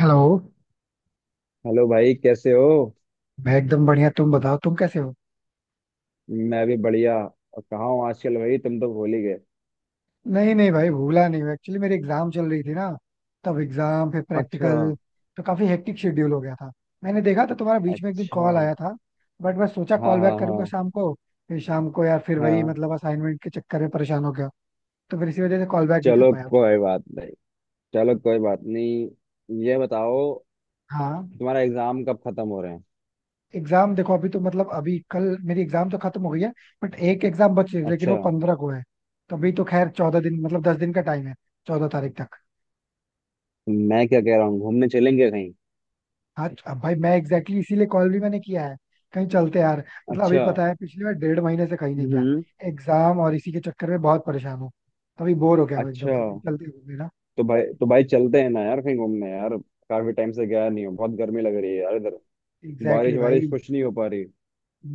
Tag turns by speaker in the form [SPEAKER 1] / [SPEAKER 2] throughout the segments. [SPEAKER 1] Hello.
[SPEAKER 2] Hello भाई, कैसे हो?
[SPEAKER 1] मैं एकदम बढ़िया, तुम बताओ तुम कैसे हो.
[SPEAKER 2] मैं भी बढ़िया। और कहाँ हूँ आजकल भाई, तुम तो भूल ही गए।
[SPEAKER 1] नहीं नहीं भाई, भूला नहीं, मैं एक्चुअली मेरी एग्जाम चल रही थी ना, तब एग्जाम फिर
[SPEAKER 2] अच्छा।
[SPEAKER 1] प्रैक्टिकल, तो काफी हेक्टिक शेड्यूल हो गया था. मैंने देखा था, तुम्हारा बीच में एक दिन
[SPEAKER 2] अच्छा।
[SPEAKER 1] कॉल आया था, बट मैं सोचा
[SPEAKER 2] हाँ
[SPEAKER 1] कॉल
[SPEAKER 2] हाँ
[SPEAKER 1] बैक करूंगा
[SPEAKER 2] हाँ
[SPEAKER 1] शाम को. फिर शाम को यार फिर वही
[SPEAKER 2] हाँ।
[SPEAKER 1] मतलब असाइनमेंट के चक्कर में परेशान हो गया. तो फिर इसी वजह से कॉल बैक नहीं कर
[SPEAKER 2] चलो
[SPEAKER 1] पाया मुझे.
[SPEAKER 2] कोई बात नहीं। चलो कोई बात नहीं, ये बताओ
[SPEAKER 1] हाँ.
[SPEAKER 2] तुम्हारा एग्जाम कब खत्म हो रहे हैं।
[SPEAKER 1] एग्जाम देखो, अभी तो मतलब अभी कल मेरी एग्जाम तो खत्म हो गई है, बट एक एग्जाम बची है, लेकिन वो
[SPEAKER 2] अच्छा।
[SPEAKER 1] 15 को है. तो अभी तो खैर 14 दिन, मतलब 10 दिन का टाइम है, 14 तारीख तक.
[SPEAKER 2] मैं क्या कह रहा हूँ, घूमने चलेंगे कहीं?
[SPEAKER 1] हाँ, अब भाई मैं एग्जैक्टली exactly इसीलिए कॉल भी मैंने किया है. कहीं चलते हैं यार. मतलब अभी
[SPEAKER 2] अच्छा।
[SPEAKER 1] पता है, पिछली बार 1.5 महीने से कहीं नहीं गया.
[SPEAKER 2] हम्म।
[SPEAKER 1] एग्जाम और इसी के चक्कर में बहुत परेशान हूँ. तभी बोर हो गया हूँ एकदम
[SPEAKER 2] अच्छा,
[SPEAKER 1] से, कहीं चलते हैं घूमने ना.
[SPEAKER 2] तो भाई चलते हैं ना यार कहीं घूमने यार। काफी टाइम से गया नहीं हूँ, बहुत गर्मी लग रही है यार इधर।
[SPEAKER 1] एग्जैक्टली
[SPEAKER 2] बारिश
[SPEAKER 1] exactly
[SPEAKER 2] वारिश
[SPEAKER 1] भाई.
[SPEAKER 2] कुछ नहीं हो पा रही।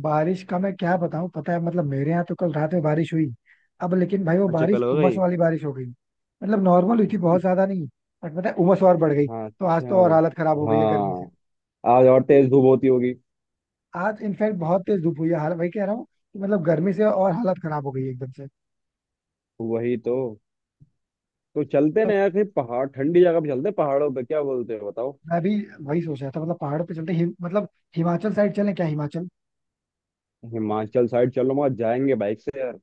[SPEAKER 1] बारिश का मैं क्या बताऊँ, पता है मतलब मेरे यहाँ तो कल रात में बारिश हुई. अब लेकिन भाई वो
[SPEAKER 2] अच्छा,
[SPEAKER 1] बारिश
[SPEAKER 2] कल हो
[SPEAKER 1] उमस
[SPEAKER 2] गई।
[SPEAKER 1] वाली बारिश हो गई, मतलब नॉर्मल हुई थी, बहुत ज्यादा नहीं. बट पता है, उमस और बढ़ गई
[SPEAKER 2] हाँ
[SPEAKER 1] तो आज
[SPEAKER 2] अच्छा।
[SPEAKER 1] तो और हालत खराब हो गई है गर्मी से.
[SPEAKER 2] हाँ। आज और तेज धूप होती होगी।
[SPEAKER 1] आज इनफैक्ट बहुत तेज धूप हुई है, हाल वही कह रहा हूँ कि मतलब गर्मी से और हालत खराब हो गई है एकदम से.
[SPEAKER 2] वही तो। तो चलते
[SPEAKER 1] तो
[SPEAKER 2] ना यार कहीं पहाड़, ठंडी जगह पे चलते हैं, पहाड़ों पे क्या बोलते हो बताओ।
[SPEAKER 1] मैं भी वही सोच रहा था, मतलब पहाड़ पे चलते मतलब हिमाचल साइड चलें क्या, हिमाचल.
[SPEAKER 2] हिमाचल साइड चलो, वहां जाएंगे बाइक से यार।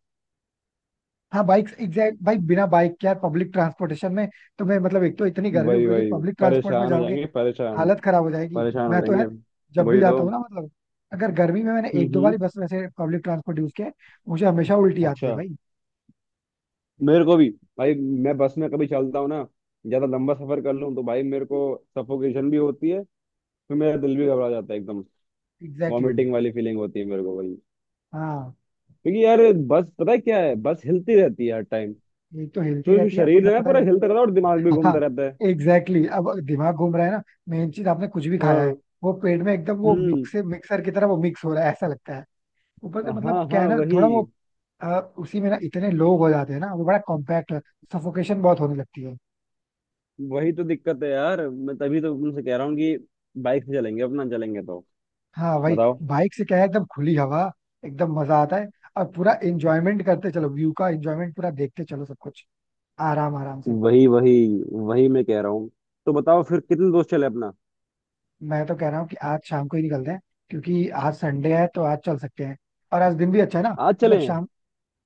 [SPEAKER 1] हाँ बाइक एग्जैक्ट भाई, बिना बाइक के यार पब्लिक ट्रांसपोर्टेशन में. तो मैं मतलब एक तो इतनी गर्मी हो
[SPEAKER 2] वही
[SPEAKER 1] रही है,
[SPEAKER 2] वही।
[SPEAKER 1] पब्लिक ट्रांसपोर्ट में
[SPEAKER 2] परेशान हो
[SPEAKER 1] जाओगे
[SPEAKER 2] जाएंगे, परेशान।
[SPEAKER 1] हालत खराब हो जाएगी.
[SPEAKER 2] परेशान हो
[SPEAKER 1] मैं तो
[SPEAKER 2] जाएंगे।
[SPEAKER 1] यार जब भी
[SPEAKER 2] वही तो।
[SPEAKER 1] जाता हूँ ना, मतलब अगर गर्मी में. मैंने एक दो बार
[SPEAKER 2] हम्म।
[SPEAKER 1] ही बस वैसे पब्लिक ट्रांसपोर्ट यूज किया है, मुझे हमेशा उल्टी आती है
[SPEAKER 2] अच्छा।
[SPEAKER 1] भाई.
[SPEAKER 2] मेरे को भी। भाई। मैं बस में कभी चलता हूँ ना, ज्यादा लंबा सफर कर लूँ तो भाई मेरे को सफोकेशन भी होती है। फिर मेरा दिल भी घबरा जाता है एकदम।
[SPEAKER 1] Exactly exactly.
[SPEAKER 2] वॉमिटिंग वाली फीलिंग होती है मेरे को भाई।
[SPEAKER 1] हाँ
[SPEAKER 2] क्योंकि यार बस पता है क्या है, बस हिलती रहती है हर टाइम।
[SPEAKER 1] एक तो हिलती
[SPEAKER 2] तो जो
[SPEAKER 1] रहती है,
[SPEAKER 2] शरीर
[SPEAKER 1] मतलब
[SPEAKER 2] है ना
[SPEAKER 1] पता है
[SPEAKER 2] पूरा हिलता
[SPEAKER 1] क्या?
[SPEAKER 2] रहता है, और दिमाग भी
[SPEAKER 1] हाँ
[SPEAKER 2] घूमता रहता है।
[SPEAKER 1] Exactly exactly. अब दिमाग घूम रहा है ना. मेन चीज, आपने कुछ भी खाया है,
[SPEAKER 2] हाँ।
[SPEAKER 1] वो पेट में एकदम वो
[SPEAKER 2] हम्म।
[SPEAKER 1] मिक्स, मिक्सर की तरह वो मिक्स हो रहा है ऐसा लगता है. ऊपर से मतलब
[SPEAKER 2] हाँ
[SPEAKER 1] क्या है
[SPEAKER 2] हाँ।
[SPEAKER 1] ना,
[SPEAKER 2] वही।
[SPEAKER 1] थोड़ा वो उसी में ना इतने लोग हो जाते हैं ना, वो बड़ा कॉम्पैक्ट, सफोकेशन बहुत होने लगती है.
[SPEAKER 2] वही तो दिक्कत है यार, मैं तभी तो तुमसे कह रहा हूँ कि बाइक से चलेंगे अपना, चलेंगे तो।
[SPEAKER 1] हाँ वही.
[SPEAKER 2] बताओ।
[SPEAKER 1] बाइक से क्या है एकदम खुली हवा, एकदम मजा आता है. और पूरा एंजॉयमेंट करते चलो, व्यू का एंजॉयमेंट पूरा देखते चलो सब कुछ, आराम आराम से.
[SPEAKER 2] वही वही। वही मैं कह रहा हूँ। तो बताओ फिर कितने दोस्त चले अपना।
[SPEAKER 1] मैं तो कह रहा हूँ कि आज शाम को ही निकलते हैं, क्योंकि आज संडे है तो आज चल सकते हैं, और आज दिन भी अच्छा है ना.
[SPEAKER 2] आज
[SPEAKER 1] मतलब
[SPEAKER 2] चले।
[SPEAKER 1] शाम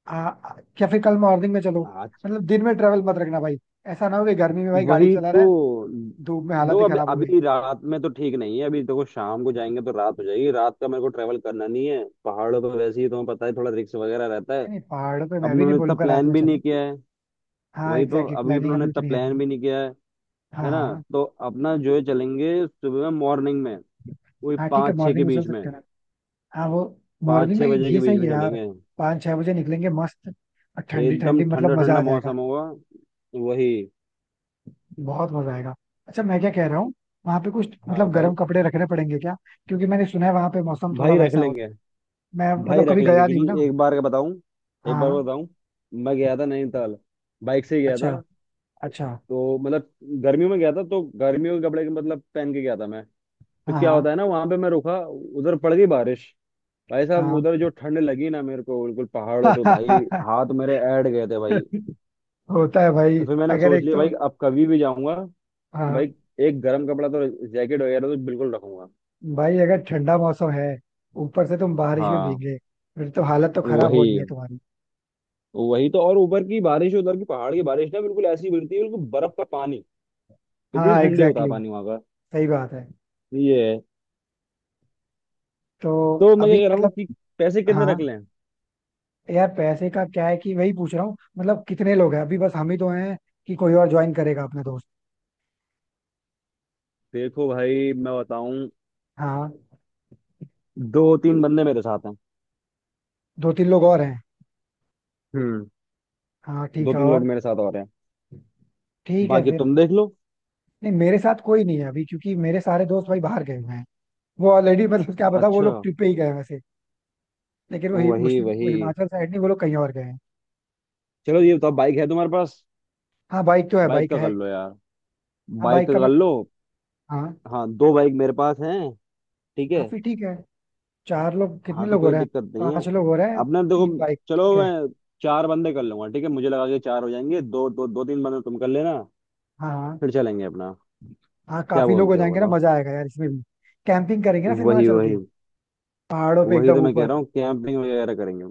[SPEAKER 1] आ, आ- या फिर कल मॉर्निंग में चलो.
[SPEAKER 2] आज।
[SPEAKER 1] मतलब दिन में ट्रेवल मत रखना भाई, ऐसा ना हो कि गर्मी में भाई गाड़ी
[SPEAKER 2] वही
[SPEAKER 1] चला रहा है,
[SPEAKER 2] तो।
[SPEAKER 1] धूप में हालत
[SPEAKER 2] देखो
[SPEAKER 1] ही
[SPEAKER 2] अभी,
[SPEAKER 1] खराब हो गई.
[SPEAKER 2] अभी रात में तो ठीक नहीं है, अभी देखो शाम को जाएंगे तो रात हो जाएगी। रात का मेरे को ट्रेवल करना नहीं है पहाड़ों पर, वैसे ही तुम्हें पता है थोड़ा रिस्क वगैरह रहता है।
[SPEAKER 1] नहीं नहीं, पहाड़ों पे
[SPEAKER 2] अब
[SPEAKER 1] मैं भी नहीं
[SPEAKER 2] उन्होंने इतना
[SPEAKER 1] बोलूंगा रात
[SPEAKER 2] प्लान
[SPEAKER 1] में
[SPEAKER 2] भी
[SPEAKER 1] चलें.
[SPEAKER 2] नहीं किया है।
[SPEAKER 1] हाँ
[SPEAKER 2] वही तो,
[SPEAKER 1] एग्जैक्टली,
[SPEAKER 2] अभी
[SPEAKER 1] प्लानिंग
[SPEAKER 2] उन्होंने
[SPEAKER 1] अभी
[SPEAKER 2] इतना
[SPEAKER 1] उतनी है
[SPEAKER 2] प्लान
[SPEAKER 1] नहीं.
[SPEAKER 2] भी नहीं किया है।
[SPEAKER 1] हाँ
[SPEAKER 2] है ना।
[SPEAKER 1] हाँ.
[SPEAKER 2] तो अपना जो है चलेंगे सुबह में, मॉर्निंग में। वही
[SPEAKER 1] हाँ ठीक है,
[SPEAKER 2] पाँच छः के
[SPEAKER 1] मॉर्निंग में चल
[SPEAKER 2] बीच में।
[SPEAKER 1] सकते हैं ना. हाँ वो,
[SPEAKER 2] पाँच
[SPEAKER 1] मॉर्निंग में
[SPEAKER 2] छः बजे के
[SPEAKER 1] ये
[SPEAKER 2] बीच
[SPEAKER 1] सही
[SPEAKER 2] में
[SPEAKER 1] है यार.
[SPEAKER 2] चलेंगे।
[SPEAKER 1] 5 6 बजे निकलेंगे मस्त, और ठंडी
[SPEAKER 2] एकदम
[SPEAKER 1] ठंडी,
[SPEAKER 2] ठंडा
[SPEAKER 1] मतलब मजा
[SPEAKER 2] ठंडा
[SPEAKER 1] आ जाएगा.
[SPEAKER 2] मौसम होगा। वही।
[SPEAKER 1] बहुत मजा आएगा. अच्छा मैं क्या कह रहा हूँ, वहाँ पे कुछ
[SPEAKER 2] हाँ
[SPEAKER 1] मतलब गर्म
[SPEAKER 2] बताओ।
[SPEAKER 1] कपड़े रखने पड़ेंगे क्या? क्योंकि मैंने सुना है वहाँ पे मौसम थोड़ा
[SPEAKER 2] भाई रख
[SPEAKER 1] वैसा होता
[SPEAKER 2] लेंगे।
[SPEAKER 1] है. मैं
[SPEAKER 2] भाई
[SPEAKER 1] मतलब
[SPEAKER 2] रख
[SPEAKER 1] कभी
[SPEAKER 2] लेंगे,
[SPEAKER 1] गया नहीं हूँ ना.
[SPEAKER 2] क्योंकि एक बार का बताऊं, एक बार
[SPEAKER 1] हाँ.
[SPEAKER 2] का बताऊं। मैं गया था नैनीताल, बाइक से ही गया
[SPEAKER 1] अच्छा,
[SPEAKER 2] था।
[SPEAKER 1] अच्छा.
[SPEAKER 2] तो मतलब गर्मियों में गया था तो गर्मियों के कपड़े के मतलब पहन के गया था मैं। तो
[SPEAKER 1] हाँ
[SPEAKER 2] क्या
[SPEAKER 1] हाँ.
[SPEAKER 2] होता है ना, वहां पे मैं रुका, उधर पड़ गई बारिश। भाई साहब, उधर जो ठंड लगी ना मेरे को बिल्कुल पहाड़ों पे, भाई
[SPEAKER 1] हाँ.
[SPEAKER 2] हाथ मेरे ऐड गए थे भाई।
[SPEAKER 1] होता है भाई,
[SPEAKER 2] तो फिर मैंने
[SPEAKER 1] अगर
[SPEAKER 2] सोच
[SPEAKER 1] एक
[SPEAKER 2] लिया भाई
[SPEAKER 1] तो.
[SPEAKER 2] अब कभी भी जाऊंगा तो
[SPEAKER 1] हाँ
[SPEAKER 2] भाई एक गर्म कपड़ा तो, जैकेट वगैरह तो बिल्कुल रखूंगा।
[SPEAKER 1] भाई, अगर ठंडा मौसम है, ऊपर से तुम बारिश में
[SPEAKER 2] हाँ।
[SPEAKER 1] भीगे, फिर तो हालत तो खराब होनी
[SPEAKER 2] वही।
[SPEAKER 1] है तुम्हारी.
[SPEAKER 2] वही तो, और ऊपर की बारिश, उधर की पहाड़ की बारिश ना बिल्कुल ऐसी गिरती है, बिल्कुल बर्फ का पानी। इतनी
[SPEAKER 1] हाँ
[SPEAKER 2] ठंडी होता
[SPEAKER 1] एग्जैक्टली
[SPEAKER 2] है
[SPEAKER 1] exactly,
[SPEAKER 2] पानी वहां का।
[SPEAKER 1] सही बात है.
[SPEAKER 2] ये है।
[SPEAKER 1] तो
[SPEAKER 2] तो मैं
[SPEAKER 1] अभी
[SPEAKER 2] क्या कह रहा हूँ
[SPEAKER 1] मतलब.
[SPEAKER 2] कि पैसे कितने
[SPEAKER 1] हाँ
[SPEAKER 2] रख लें।
[SPEAKER 1] यार, पैसे का क्या है, कि वही पूछ रहा हूँ, मतलब कितने लोग हैं? अभी बस हम ही तो हैं, कि कोई और ज्वाइन करेगा अपना दोस्त?
[SPEAKER 2] देखो भाई मैं बताऊं,
[SPEAKER 1] हाँ.
[SPEAKER 2] दो तीन बंदे मेरे साथ हैं।
[SPEAKER 1] 2 3 लोग और हैं.
[SPEAKER 2] हम्म।
[SPEAKER 1] हाँ ठीक
[SPEAKER 2] दो
[SPEAKER 1] है
[SPEAKER 2] तीन
[SPEAKER 1] और.
[SPEAKER 2] लोग मेरे साथ और हैं।
[SPEAKER 1] ठीक है
[SPEAKER 2] बाकी
[SPEAKER 1] फिर.
[SPEAKER 2] तुम देख लो।
[SPEAKER 1] नहीं मेरे साथ कोई नहीं है अभी, क्योंकि मेरे सारे दोस्त भाई बाहर गए हुए हैं. वो ऑलरेडी, मतलब क्या पता वो लोग
[SPEAKER 2] अच्छा।
[SPEAKER 1] ट्रिप पे ही गए हैं वैसे. लेकिन वो, हि, मुश-
[SPEAKER 2] वही
[SPEAKER 1] वो
[SPEAKER 2] वही।
[SPEAKER 1] हिमाचल साइड नहीं, वो लोग कहीं और गए हैं.
[SPEAKER 2] चलो ये बताओ, बाइक है तुम्हारे पास?
[SPEAKER 1] हाँ बाइक तो है,
[SPEAKER 2] बाइक
[SPEAKER 1] बाइक
[SPEAKER 2] का कर
[SPEAKER 1] है.
[SPEAKER 2] लो यार।
[SPEAKER 1] हाँ
[SPEAKER 2] बाइक
[SPEAKER 1] बाइक
[SPEAKER 2] का
[SPEAKER 1] का
[SPEAKER 2] कर
[SPEAKER 1] मैं कर
[SPEAKER 2] लो।
[SPEAKER 1] हाँ
[SPEAKER 2] हाँ, दो बाइक मेरे पास हैं। ठीक है।
[SPEAKER 1] हाँ फिर ठीक है. चार लोग, कितने
[SPEAKER 2] हाँ तो
[SPEAKER 1] लोग हो
[SPEAKER 2] कोई
[SPEAKER 1] रहे हैं?
[SPEAKER 2] दिक्कत नहीं है।
[SPEAKER 1] 5 लोग हो रहे हैं.
[SPEAKER 2] अपना देखो।
[SPEAKER 1] 3 बाइक
[SPEAKER 2] चलो
[SPEAKER 1] ठीक है.
[SPEAKER 2] मैं चार बंदे कर लूंगा, ठीक है? मुझे लगा कि चार हो जाएंगे। दो दो, दो तीन बंदे तुम कर लेना।
[SPEAKER 1] हाँ हाँ.
[SPEAKER 2] फिर चलेंगे अपना।
[SPEAKER 1] हाँ
[SPEAKER 2] क्या
[SPEAKER 1] काफी लोग हो
[SPEAKER 2] बोलते हो
[SPEAKER 1] जाएंगे ना,
[SPEAKER 2] बताओ।
[SPEAKER 1] मजा आएगा यार इसमें भी. कैंपिंग करेंगे ना फिर, वहां
[SPEAKER 2] वही
[SPEAKER 1] चल
[SPEAKER 2] वही।
[SPEAKER 1] के पहाड़ों पे
[SPEAKER 2] वही
[SPEAKER 1] एकदम
[SPEAKER 2] तो मैं कह
[SPEAKER 1] ऊपर,
[SPEAKER 2] रहा हूँ, कैंपिंग वगैरह करेंगे।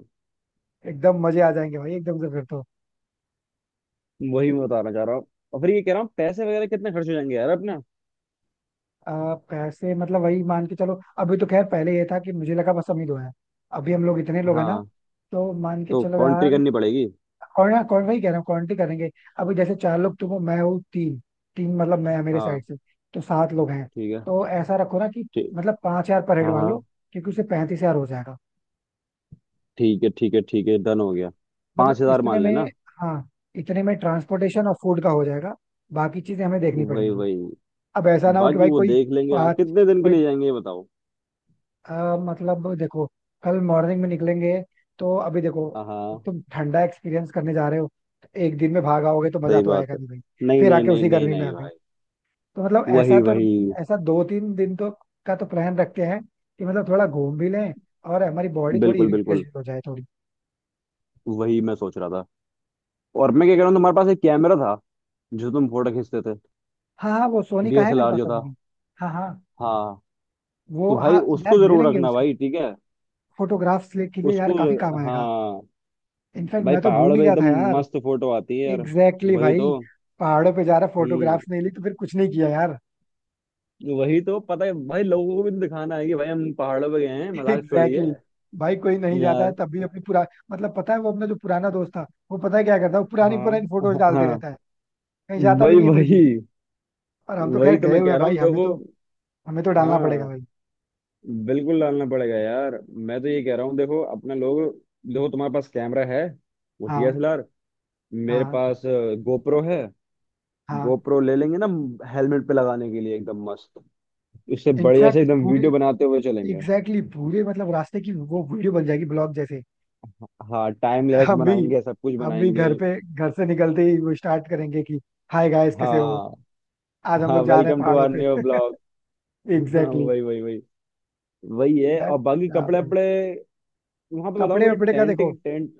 [SPEAKER 1] एकदम मजे आ जाएंगे भाई एकदम से फिर तो.
[SPEAKER 2] वही मैं बताना चाह रहा हूँ। और फिर ये कह रहा हूँ पैसे वगैरह कितने खर्च हो जाएंगे यार अपना।
[SPEAKER 1] पैसे मतलब वही मान के चलो, अभी तो खैर पहले ये था कि मुझे लगा बस हम ही दो हैं. अभी हम लोग इतने लोग हैं ना,
[SPEAKER 2] हाँ,
[SPEAKER 1] तो मान के
[SPEAKER 2] तो
[SPEAKER 1] चलो
[SPEAKER 2] कॉन्ट्री
[SPEAKER 1] यार.
[SPEAKER 2] करनी पड़ेगी।
[SPEAKER 1] और ना कौन, वही कह रहा हूँ क्वांटिटी करेंगे. अभी जैसे चार लोग तुम हो, मैं हूँ तीन, तीन मतलब मैं मेरे साइड
[SPEAKER 2] हाँ
[SPEAKER 1] से, तो 7 लोग हैं.
[SPEAKER 2] ठीक है।
[SPEAKER 1] तो ऐसा रखो ना कि,
[SPEAKER 2] ठीक।
[SPEAKER 1] मतलब 5,000 पर हेड
[SPEAKER 2] हाँ
[SPEAKER 1] मान लो,
[SPEAKER 2] हाँ।
[SPEAKER 1] क्योंकि उससे 35,000 हो जाएगा.
[SPEAKER 2] ठीक है ठीक है ठीक है, डन हो गया। पांच
[SPEAKER 1] मतलब
[SPEAKER 2] हजार
[SPEAKER 1] इतने
[SPEAKER 2] मान
[SPEAKER 1] में.
[SPEAKER 2] लेना।
[SPEAKER 1] हाँ, इतने में ट्रांसपोर्टेशन और फूड का हो जाएगा, बाकी चीजें हमें देखनी
[SPEAKER 2] वही
[SPEAKER 1] पड़ेंगी.
[SPEAKER 2] वही।
[SPEAKER 1] अब ऐसा ना हो कि
[SPEAKER 2] बाकी
[SPEAKER 1] भाई
[SPEAKER 2] वो
[SPEAKER 1] कोई.
[SPEAKER 2] देख लेंगे। हाँ,
[SPEAKER 1] पाँच.
[SPEAKER 2] कितने दिन के
[SPEAKER 1] कोई
[SPEAKER 2] लिए जाएंगे ये बताओ।
[SPEAKER 1] मतलब देखो, कल मॉर्निंग में निकलेंगे. तो अभी देखो,
[SPEAKER 2] हाँ हाँ।
[SPEAKER 1] तुम ठंडा एक्सपीरियंस करने जा रहे हो, तो एक दिन में भाग आओगे तो मजा
[SPEAKER 2] सही
[SPEAKER 1] तो
[SPEAKER 2] बात
[SPEAKER 1] आएगा
[SPEAKER 2] है।
[SPEAKER 1] नहीं भाई.
[SPEAKER 2] नहीं
[SPEAKER 1] फिर
[SPEAKER 2] नहीं
[SPEAKER 1] आके
[SPEAKER 2] नहीं
[SPEAKER 1] उसी
[SPEAKER 2] नहीं
[SPEAKER 1] गर्मी में आ
[SPEAKER 2] नहीं
[SPEAKER 1] गए,
[SPEAKER 2] भाई।
[SPEAKER 1] तो मतलब ऐसा
[SPEAKER 2] वही
[SPEAKER 1] तो.
[SPEAKER 2] वही।
[SPEAKER 1] ऐसा 2 3 दिन तो का तो प्लान रखते हैं कि मतलब थोड़ा घूम भी लें, और हमारी बॉडी थोड़ी
[SPEAKER 2] बिल्कुल
[SPEAKER 1] रिफ्रेश
[SPEAKER 2] बिल्कुल।
[SPEAKER 1] हो जाए थोड़ी.
[SPEAKER 2] वही मैं सोच रहा था। और मैं क्या कह रहा हूँ, तुम्हारे पास एक कैमरा था जो तुम फोटो खींचते थे।
[SPEAKER 1] हाँ हाँ, वो सोनी का है मेरे
[SPEAKER 2] डीएसएलआर
[SPEAKER 1] पास
[SPEAKER 2] जो था।
[SPEAKER 1] अभी भी. हाँ हाँ
[SPEAKER 2] हाँ।
[SPEAKER 1] वो,
[SPEAKER 2] तो भाई
[SPEAKER 1] हाँ.
[SPEAKER 2] उसको
[SPEAKER 1] यार ले
[SPEAKER 2] जरूर
[SPEAKER 1] लेंगे
[SPEAKER 2] रखना
[SPEAKER 1] उसको,
[SPEAKER 2] भाई, ठीक है।
[SPEAKER 1] फोटोग्राफ्स ले के लिए यार
[SPEAKER 2] उसको।
[SPEAKER 1] काफी काम आएगा.
[SPEAKER 2] हाँ।
[SPEAKER 1] इनफैक्ट
[SPEAKER 2] भाई
[SPEAKER 1] मैं तो भूल
[SPEAKER 2] पहाड़
[SPEAKER 1] ही
[SPEAKER 2] पे
[SPEAKER 1] गया
[SPEAKER 2] एकदम
[SPEAKER 1] था यार.
[SPEAKER 2] मस्त फोटो आती है यार।
[SPEAKER 1] एग्जैक्टली exactly
[SPEAKER 2] वही तो।
[SPEAKER 1] भाई. पहाड़ों पे जा रहा
[SPEAKER 2] हम्म।
[SPEAKER 1] फोटोग्राफ्स नहीं ली तो फिर कुछ नहीं किया यार.
[SPEAKER 2] वही तो, पता है भाई लोगों को भी तो दिखाना है कि भाई हम पहाड़ों पे गए हैं, मजाक
[SPEAKER 1] एग्जैक्टली
[SPEAKER 2] छोड़िए
[SPEAKER 1] exactly. भाई कोई नहीं जाता है
[SPEAKER 2] यार।
[SPEAKER 1] तब भी, अपनी पुरा, मतलब पता है वो अपना जो पुराना दोस्त था, वो पता है क्या करता है, वो पुरानी
[SPEAKER 2] हाँ
[SPEAKER 1] पुरानी फोटोज
[SPEAKER 2] हाँ
[SPEAKER 1] डालते
[SPEAKER 2] हाँ।
[SPEAKER 1] रहता है. कहीं जाता भी
[SPEAKER 2] भाई
[SPEAKER 1] नहीं है फिर
[SPEAKER 2] वही।
[SPEAKER 1] भी. और हम तो
[SPEAKER 2] वही
[SPEAKER 1] खैर
[SPEAKER 2] तो
[SPEAKER 1] गए
[SPEAKER 2] मैं
[SPEAKER 1] हुए हैं
[SPEAKER 2] कह रहा
[SPEAKER 1] भाई,
[SPEAKER 2] हूँ
[SPEAKER 1] हमें
[SPEAKER 2] देखो।
[SPEAKER 1] तो, हमें तो डालना पड़ेगा
[SPEAKER 2] हाँ।
[SPEAKER 1] भाई.
[SPEAKER 2] बिल्कुल डालना पड़ेगा यार। मैं तो ये कह रहा हूँ देखो अपने लोग, देखो तुम्हारे पास कैमरा है, वो
[SPEAKER 1] हाँ
[SPEAKER 2] डीएसएलआर। मेरे
[SPEAKER 1] हाँ.
[SPEAKER 2] पास गोप्रो है।
[SPEAKER 1] हाँ
[SPEAKER 2] गोप्रो ले लेंगे ना, हेलमेट पे लगाने के लिए एकदम मस्त। इससे बढ़िया से
[SPEAKER 1] इनफैक्ट
[SPEAKER 2] एकदम
[SPEAKER 1] पूरी,
[SPEAKER 2] वीडियो बनाते हुए
[SPEAKER 1] एग्जैक्टली
[SPEAKER 2] चलेंगे।
[SPEAKER 1] exactly, पूरे मतलब रास्ते की वो वीडियो बन जाएगी, ब्लॉग जैसे.
[SPEAKER 2] हाँ टाइम लैप्स
[SPEAKER 1] हम भी,
[SPEAKER 2] बनाएंगे, सब कुछ
[SPEAKER 1] हम भी
[SPEAKER 2] बनाएंगे।
[SPEAKER 1] घर पे, घर से निकलते ही वो स्टार्ट करेंगे कि हाय गाइस कैसे हो,
[SPEAKER 2] हाँ।
[SPEAKER 1] आज हम
[SPEAKER 2] हाँ
[SPEAKER 1] लोग जा रहे हैं
[SPEAKER 2] वेलकम टू
[SPEAKER 1] पहाड़ों
[SPEAKER 2] आवर
[SPEAKER 1] पे.
[SPEAKER 2] New blog. हाँ
[SPEAKER 1] एग्जैक्टली exactly.
[SPEAKER 2] वही वही वही। वही है।
[SPEAKER 1] यार
[SPEAKER 2] और बाकी
[SPEAKER 1] क्या
[SPEAKER 2] कपड़े
[SPEAKER 1] फिर.
[SPEAKER 2] वपड़े वहां पे बताओ,
[SPEAKER 1] कपड़े
[SPEAKER 2] वही
[SPEAKER 1] वपड़े का
[SPEAKER 2] टेंट
[SPEAKER 1] देखो.
[SPEAKER 2] टेंट।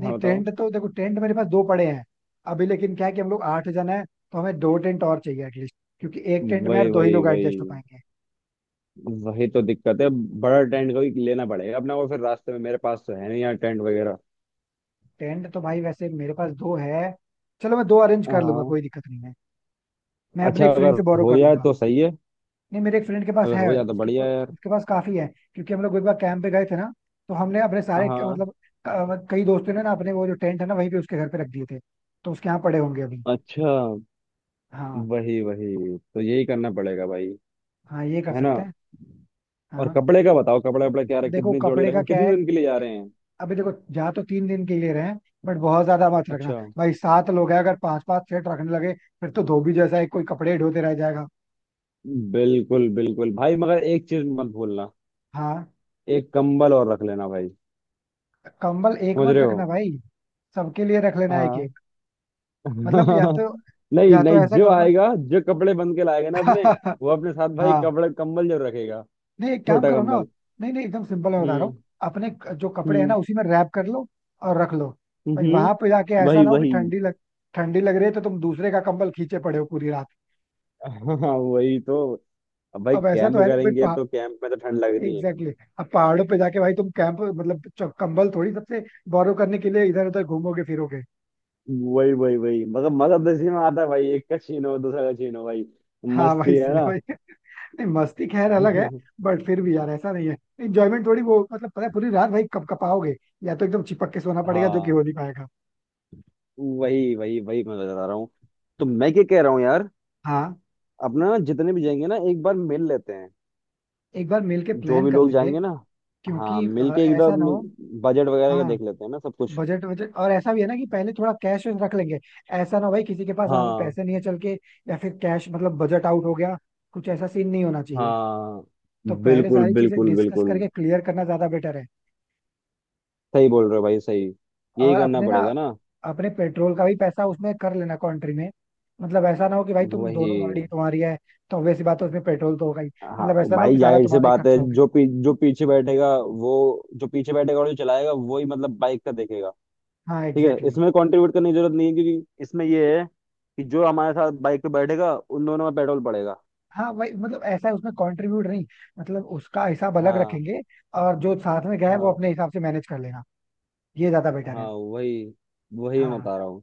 [SPEAKER 1] नहीं
[SPEAKER 2] हाँ बताओ।
[SPEAKER 1] टेंट तो देखो, टेंट मेरे पास दो पड़े हैं. अभी लेकिन क्या है कि हम लोग 8 जन है, तो हमें 2 टेंट और चाहिए एटलीस्ट, क्योंकि एक टेंट में यार
[SPEAKER 2] वही
[SPEAKER 1] दो ही
[SPEAKER 2] वही
[SPEAKER 1] लोग एडजस्ट हो
[SPEAKER 2] वही।
[SPEAKER 1] पाएंगे.
[SPEAKER 2] वही तो दिक्कत है, बड़ा टेंट कोई लेना पड़ेगा अपना, वो फिर रास्ते में। मेरे पास तो है नहीं यार टेंट वगैरह।
[SPEAKER 1] टेंट तो भाई वैसे मेरे पास 2 है. चलो मैं दो अरेंज कर लूंगा,
[SPEAKER 2] हाँ।
[SPEAKER 1] कोई दिक्कत नहीं है. मैं अपने
[SPEAKER 2] अच्छा,
[SPEAKER 1] एक
[SPEAKER 2] अगर
[SPEAKER 1] फ्रेंड से बोरो
[SPEAKER 2] हो
[SPEAKER 1] कर
[SPEAKER 2] जाए
[SPEAKER 1] लूंगा.
[SPEAKER 2] तो सही है।
[SPEAKER 1] नहीं मेरे एक फ्रेंड के पास
[SPEAKER 2] अगर
[SPEAKER 1] है,
[SPEAKER 2] हो जाए तो
[SPEAKER 1] उसके
[SPEAKER 2] बढ़िया
[SPEAKER 1] पास,
[SPEAKER 2] है यार।
[SPEAKER 1] उसके पास काफी है. क्योंकि हम लोग एक बार कैंप पे गए थे ना, तो हमने अपने सारे,
[SPEAKER 2] हाँ।
[SPEAKER 1] मतलब कई दोस्तों ने ना अपने वो जो टेंट है ना वहीं पे उसके घर पे रख दिए थे, तो उसके यहाँ पड़े होंगे अभी.
[SPEAKER 2] अच्छा।
[SPEAKER 1] हाँ.
[SPEAKER 2] वही वही, तो यही करना पड़ेगा भाई।
[SPEAKER 1] हाँ ये कर
[SPEAKER 2] है ना।
[SPEAKER 1] सकते हैं.
[SPEAKER 2] और
[SPEAKER 1] हाँ.
[SPEAKER 2] कपड़े का बताओ, कपड़े वपड़े क्या रहे,
[SPEAKER 1] देखो
[SPEAKER 2] कितनी जोड़ी
[SPEAKER 1] कपड़े का
[SPEAKER 2] रखें,
[SPEAKER 1] क्या है
[SPEAKER 2] कितने दिन के लिए जा
[SPEAKER 1] कि,
[SPEAKER 2] रहे हैं।
[SPEAKER 1] अभी देखो जा तो 3 दिन के लिए रहे हैं, बट बहुत ज्यादा मत रखना.
[SPEAKER 2] अच्छा।
[SPEAKER 1] भाई 7 लोग हैं, अगर 5 5 सेट रखने लगे, फिर तो धोबी जैसा एक कोई कपड़े ढोते रह जाएगा.
[SPEAKER 2] बिल्कुल बिल्कुल भाई, मगर एक चीज मत भूलना,
[SPEAKER 1] हाँ.
[SPEAKER 2] एक कंबल और रख लेना भाई।
[SPEAKER 1] कंबल एक
[SPEAKER 2] समझ
[SPEAKER 1] मत
[SPEAKER 2] रहे हो।
[SPEAKER 1] रखना भाई, सबके लिए रख लेना एक
[SPEAKER 2] हाँ।
[SPEAKER 1] एक. मतलब या तो,
[SPEAKER 2] नहीं
[SPEAKER 1] या तो
[SPEAKER 2] नहीं,
[SPEAKER 1] ऐसा
[SPEAKER 2] जो
[SPEAKER 1] करो ना.
[SPEAKER 2] आएगा जो कपड़े बन के लाएगा ना अपने, वो अपने साथ भाई
[SPEAKER 1] हाँ.
[SPEAKER 2] कपड़े कंबल जरूर रखेगा।
[SPEAKER 1] नहीं एक काम
[SPEAKER 2] छोटा
[SPEAKER 1] करो ना,
[SPEAKER 2] कंबल।
[SPEAKER 1] नहीं नहीं एकदम सिंपल मैं बता रहा हूँ.
[SPEAKER 2] हम्म।
[SPEAKER 1] अपने जो कपड़े हैं ना
[SPEAKER 2] हम्म।
[SPEAKER 1] उसी में रैप कर लो, और रख लो. भाई
[SPEAKER 2] हम्म।
[SPEAKER 1] वहां पे जाके ऐसा
[SPEAKER 2] वही
[SPEAKER 1] ना हो कि
[SPEAKER 2] वही।
[SPEAKER 1] ठंडी लग रही है तो तुम दूसरे का कंबल खींचे पड़े हो पूरी रात.
[SPEAKER 2] हाँ वही तो। अब भाई
[SPEAKER 1] अब ऐसा
[SPEAKER 2] कैंप
[SPEAKER 1] तो है नहीं भाई
[SPEAKER 2] करेंगे
[SPEAKER 1] पहा
[SPEAKER 2] तो कैंप में तो ठंड लग रही है।
[SPEAKER 1] Exactly exactly. अब पहाड़ों पे जाके भाई तुम कैंप मतलब कंबल थोड़ी सबसे बोरो करने के लिए इधर उधर घूमोगे फिरोगे.
[SPEAKER 2] वही वही वही, मतलब मगर मजा तो इसी में आता है भाई, एक का छीनो दूसरा का छीनो भाई।
[SPEAKER 1] हाँ. भाई
[SPEAKER 2] मस्ती है
[SPEAKER 1] इसीलिए
[SPEAKER 2] ना।
[SPEAKER 1] भाई, नहीं मस्ती खैर अलग है. बट फिर भी यार ऐसा नहीं है, इंजॉयमेंट थोड़ी वो मतलब, पता है पूरी रात भाई कब कपाओगे, या तो एकदम चिपक के सोना पड़ेगा, जो कि
[SPEAKER 2] हाँ
[SPEAKER 1] हो नहीं पाएगा.
[SPEAKER 2] वही वही वही मैं बता रहा हूँ। तो मैं क्या कह रहा हूँ यार,
[SPEAKER 1] हाँ.
[SPEAKER 2] अपना ना जितने भी जाएंगे ना एक बार मिल लेते हैं।
[SPEAKER 1] एक बार मिल के
[SPEAKER 2] जो
[SPEAKER 1] प्लान
[SPEAKER 2] भी
[SPEAKER 1] कर
[SPEAKER 2] लोग
[SPEAKER 1] लेंगे,
[SPEAKER 2] जाएंगे ना। हाँ
[SPEAKER 1] क्योंकि
[SPEAKER 2] मिल के
[SPEAKER 1] ऐसा ना
[SPEAKER 2] एकदम
[SPEAKER 1] हो.
[SPEAKER 2] बजट वगैरह का
[SPEAKER 1] हाँ.
[SPEAKER 2] देख लेते हैं ना सब कुछ।
[SPEAKER 1] बजट, बजट और ऐसा भी है ना कि पहले थोड़ा कैश रख लेंगे. ऐसा ना हो भाई किसी के पास वहां पे
[SPEAKER 2] हाँ
[SPEAKER 1] पैसे नहीं है चल के, या फिर कैश मतलब बजट आउट हो गया, कुछ ऐसा सीन नहीं होना चाहिए.
[SPEAKER 2] हाँ।
[SPEAKER 1] तो पहले
[SPEAKER 2] बिल्कुल
[SPEAKER 1] सारी चीजें
[SPEAKER 2] बिल्कुल
[SPEAKER 1] डिस्कस
[SPEAKER 2] बिल्कुल।
[SPEAKER 1] करके क्लियर करना ज्यादा बेटर है.
[SPEAKER 2] सही बोल रहे हो भाई, सही।
[SPEAKER 1] और
[SPEAKER 2] यही करना
[SPEAKER 1] अपने ना,
[SPEAKER 2] पड़ेगा ना।
[SPEAKER 1] अपने पेट्रोल का भी पैसा उसमें कर लेना कंट्री में. मतलब ऐसा ना हो कि भाई तुम
[SPEAKER 2] वही।
[SPEAKER 1] दोनों गाड़ी तुम्हारी है, तो obvious सी बात है उसमें पेट्रोल तो होगा ही.
[SPEAKER 2] हाँ।
[SPEAKER 1] मतलब ऐसा ना हो कि
[SPEAKER 2] भाई
[SPEAKER 1] सारा
[SPEAKER 2] जाहिर सी
[SPEAKER 1] तुम्हारा ही
[SPEAKER 2] बात है,
[SPEAKER 1] खर्चा हो गया.
[SPEAKER 2] जो पीछे बैठेगा, वो जो पीछे बैठेगा और जो चलाएगा वो ही मतलब बाइक का देखेगा।
[SPEAKER 1] हाँ
[SPEAKER 2] ठीक है,
[SPEAKER 1] एग्जैक्टली exactly.
[SPEAKER 2] इसमें कंट्रीब्यूट करने की जरूरत नहीं है, क्योंकि इसमें ये है कि जो हमारे साथ बाइक पे बैठेगा उन दोनों में पेट्रोल पड़ेगा।
[SPEAKER 1] हाँ वही, मतलब ऐसा है उसमें कंट्रीब्यूट नहीं, मतलब उसका हिसाब अलग
[SPEAKER 2] हाँ
[SPEAKER 1] रखेंगे, और जो साथ में गया है वो अपने
[SPEAKER 2] हाँ।
[SPEAKER 1] हिसाब से मैनेज कर लेगा. ये ज्यादा बेटर
[SPEAKER 2] हाँ
[SPEAKER 1] है.
[SPEAKER 2] वही। वही मैं
[SPEAKER 1] हाँ.
[SPEAKER 2] बता रहा हूँ।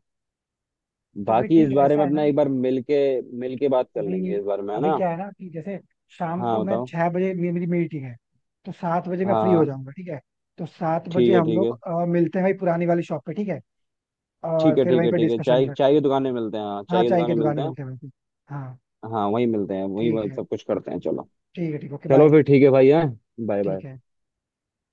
[SPEAKER 1] तो फिर
[SPEAKER 2] बाकी
[SPEAKER 1] ठीक
[SPEAKER 2] इस
[SPEAKER 1] है,
[SPEAKER 2] बारे
[SPEAKER 1] ऐसा
[SPEAKER 2] में
[SPEAKER 1] है
[SPEAKER 2] अपना
[SPEAKER 1] ना.
[SPEAKER 2] एक बार मिलके, बात कर
[SPEAKER 1] अभी,
[SPEAKER 2] लेंगे इस बारे में, है
[SPEAKER 1] अभी
[SPEAKER 2] ना।
[SPEAKER 1] क्या है ना कि जैसे, शाम को
[SPEAKER 2] हाँ
[SPEAKER 1] मैं
[SPEAKER 2] बताओ।
[SPEAKER 1] 6 बजे मेरी मीटिंग है, तो 7 बजे
[SPEAKER 2] हाँ
[SPEAKER 1] मैं फ्री हो
[SPEAKER 2] हाँ।
[SPEAKER 1] जाऊंगा, ठीक है. तो 7 बजे
[SPEAKER 2] ठीक है
[SPEAKER 1] हम
[SPEAKER 2] ठीक है
[SPEAKER 1] लोग मिलते हैं भाई, पुरानी वाली शॉप पे ठीक है, और
[SPEAKER 2] ठीक है।
[SPEAKER 1] फिर
[SPEAKER 2] ठीक
[SPEAKER 1] वहीं
[SPEAKER 2] है
[SPEAKER 1] पे
[SPEAKER 2] ठीक है,
[SPEAKER 1] डिस्कशन
[SPEAKER 2] चाय
[SPEAKER 1] करते
[SPEAKER 2] चाय
[SPEAKER 1] हैं.
[SPEAKER 2] की दुकान में मिलते हैं, हाँ
[SPEAKER 1] हाँ
[SPEAKER 2] चाय की
[SPEAKER 1] चाय
[SPEAKER 2] दुकान
[SPEAKER 1] की
[SPEAKER 2] में
[SPEAKER 1] दुकान
[SPEAKER 2] मिलते
[SPEAKER 1] में
[SPEAKER 2] हैं।
[SPEAKER 1] मिलते हैं वहीं पे, हाँ.
[SPEAKER 2] हाँ वहीं मिलते हैं, वहीं
[SPEAKER 1] ठीक
[SPEAKER 2] वहीं
[SPEAKER 1] है,
[SPEAKER 2] सब कुछ करते हैं, चलो।
[SPEAKER 1] ठीक है, ठीक, ओके
[SPEAKER 2] चलो
[SPEAKER 1] बाय.
[SPEAKER 2] फिर ठीक है भाई। है। बाय
[SPEAKER 1] ठीक
[SPEAKER 2] बाय।
[SPEAKER 1] है.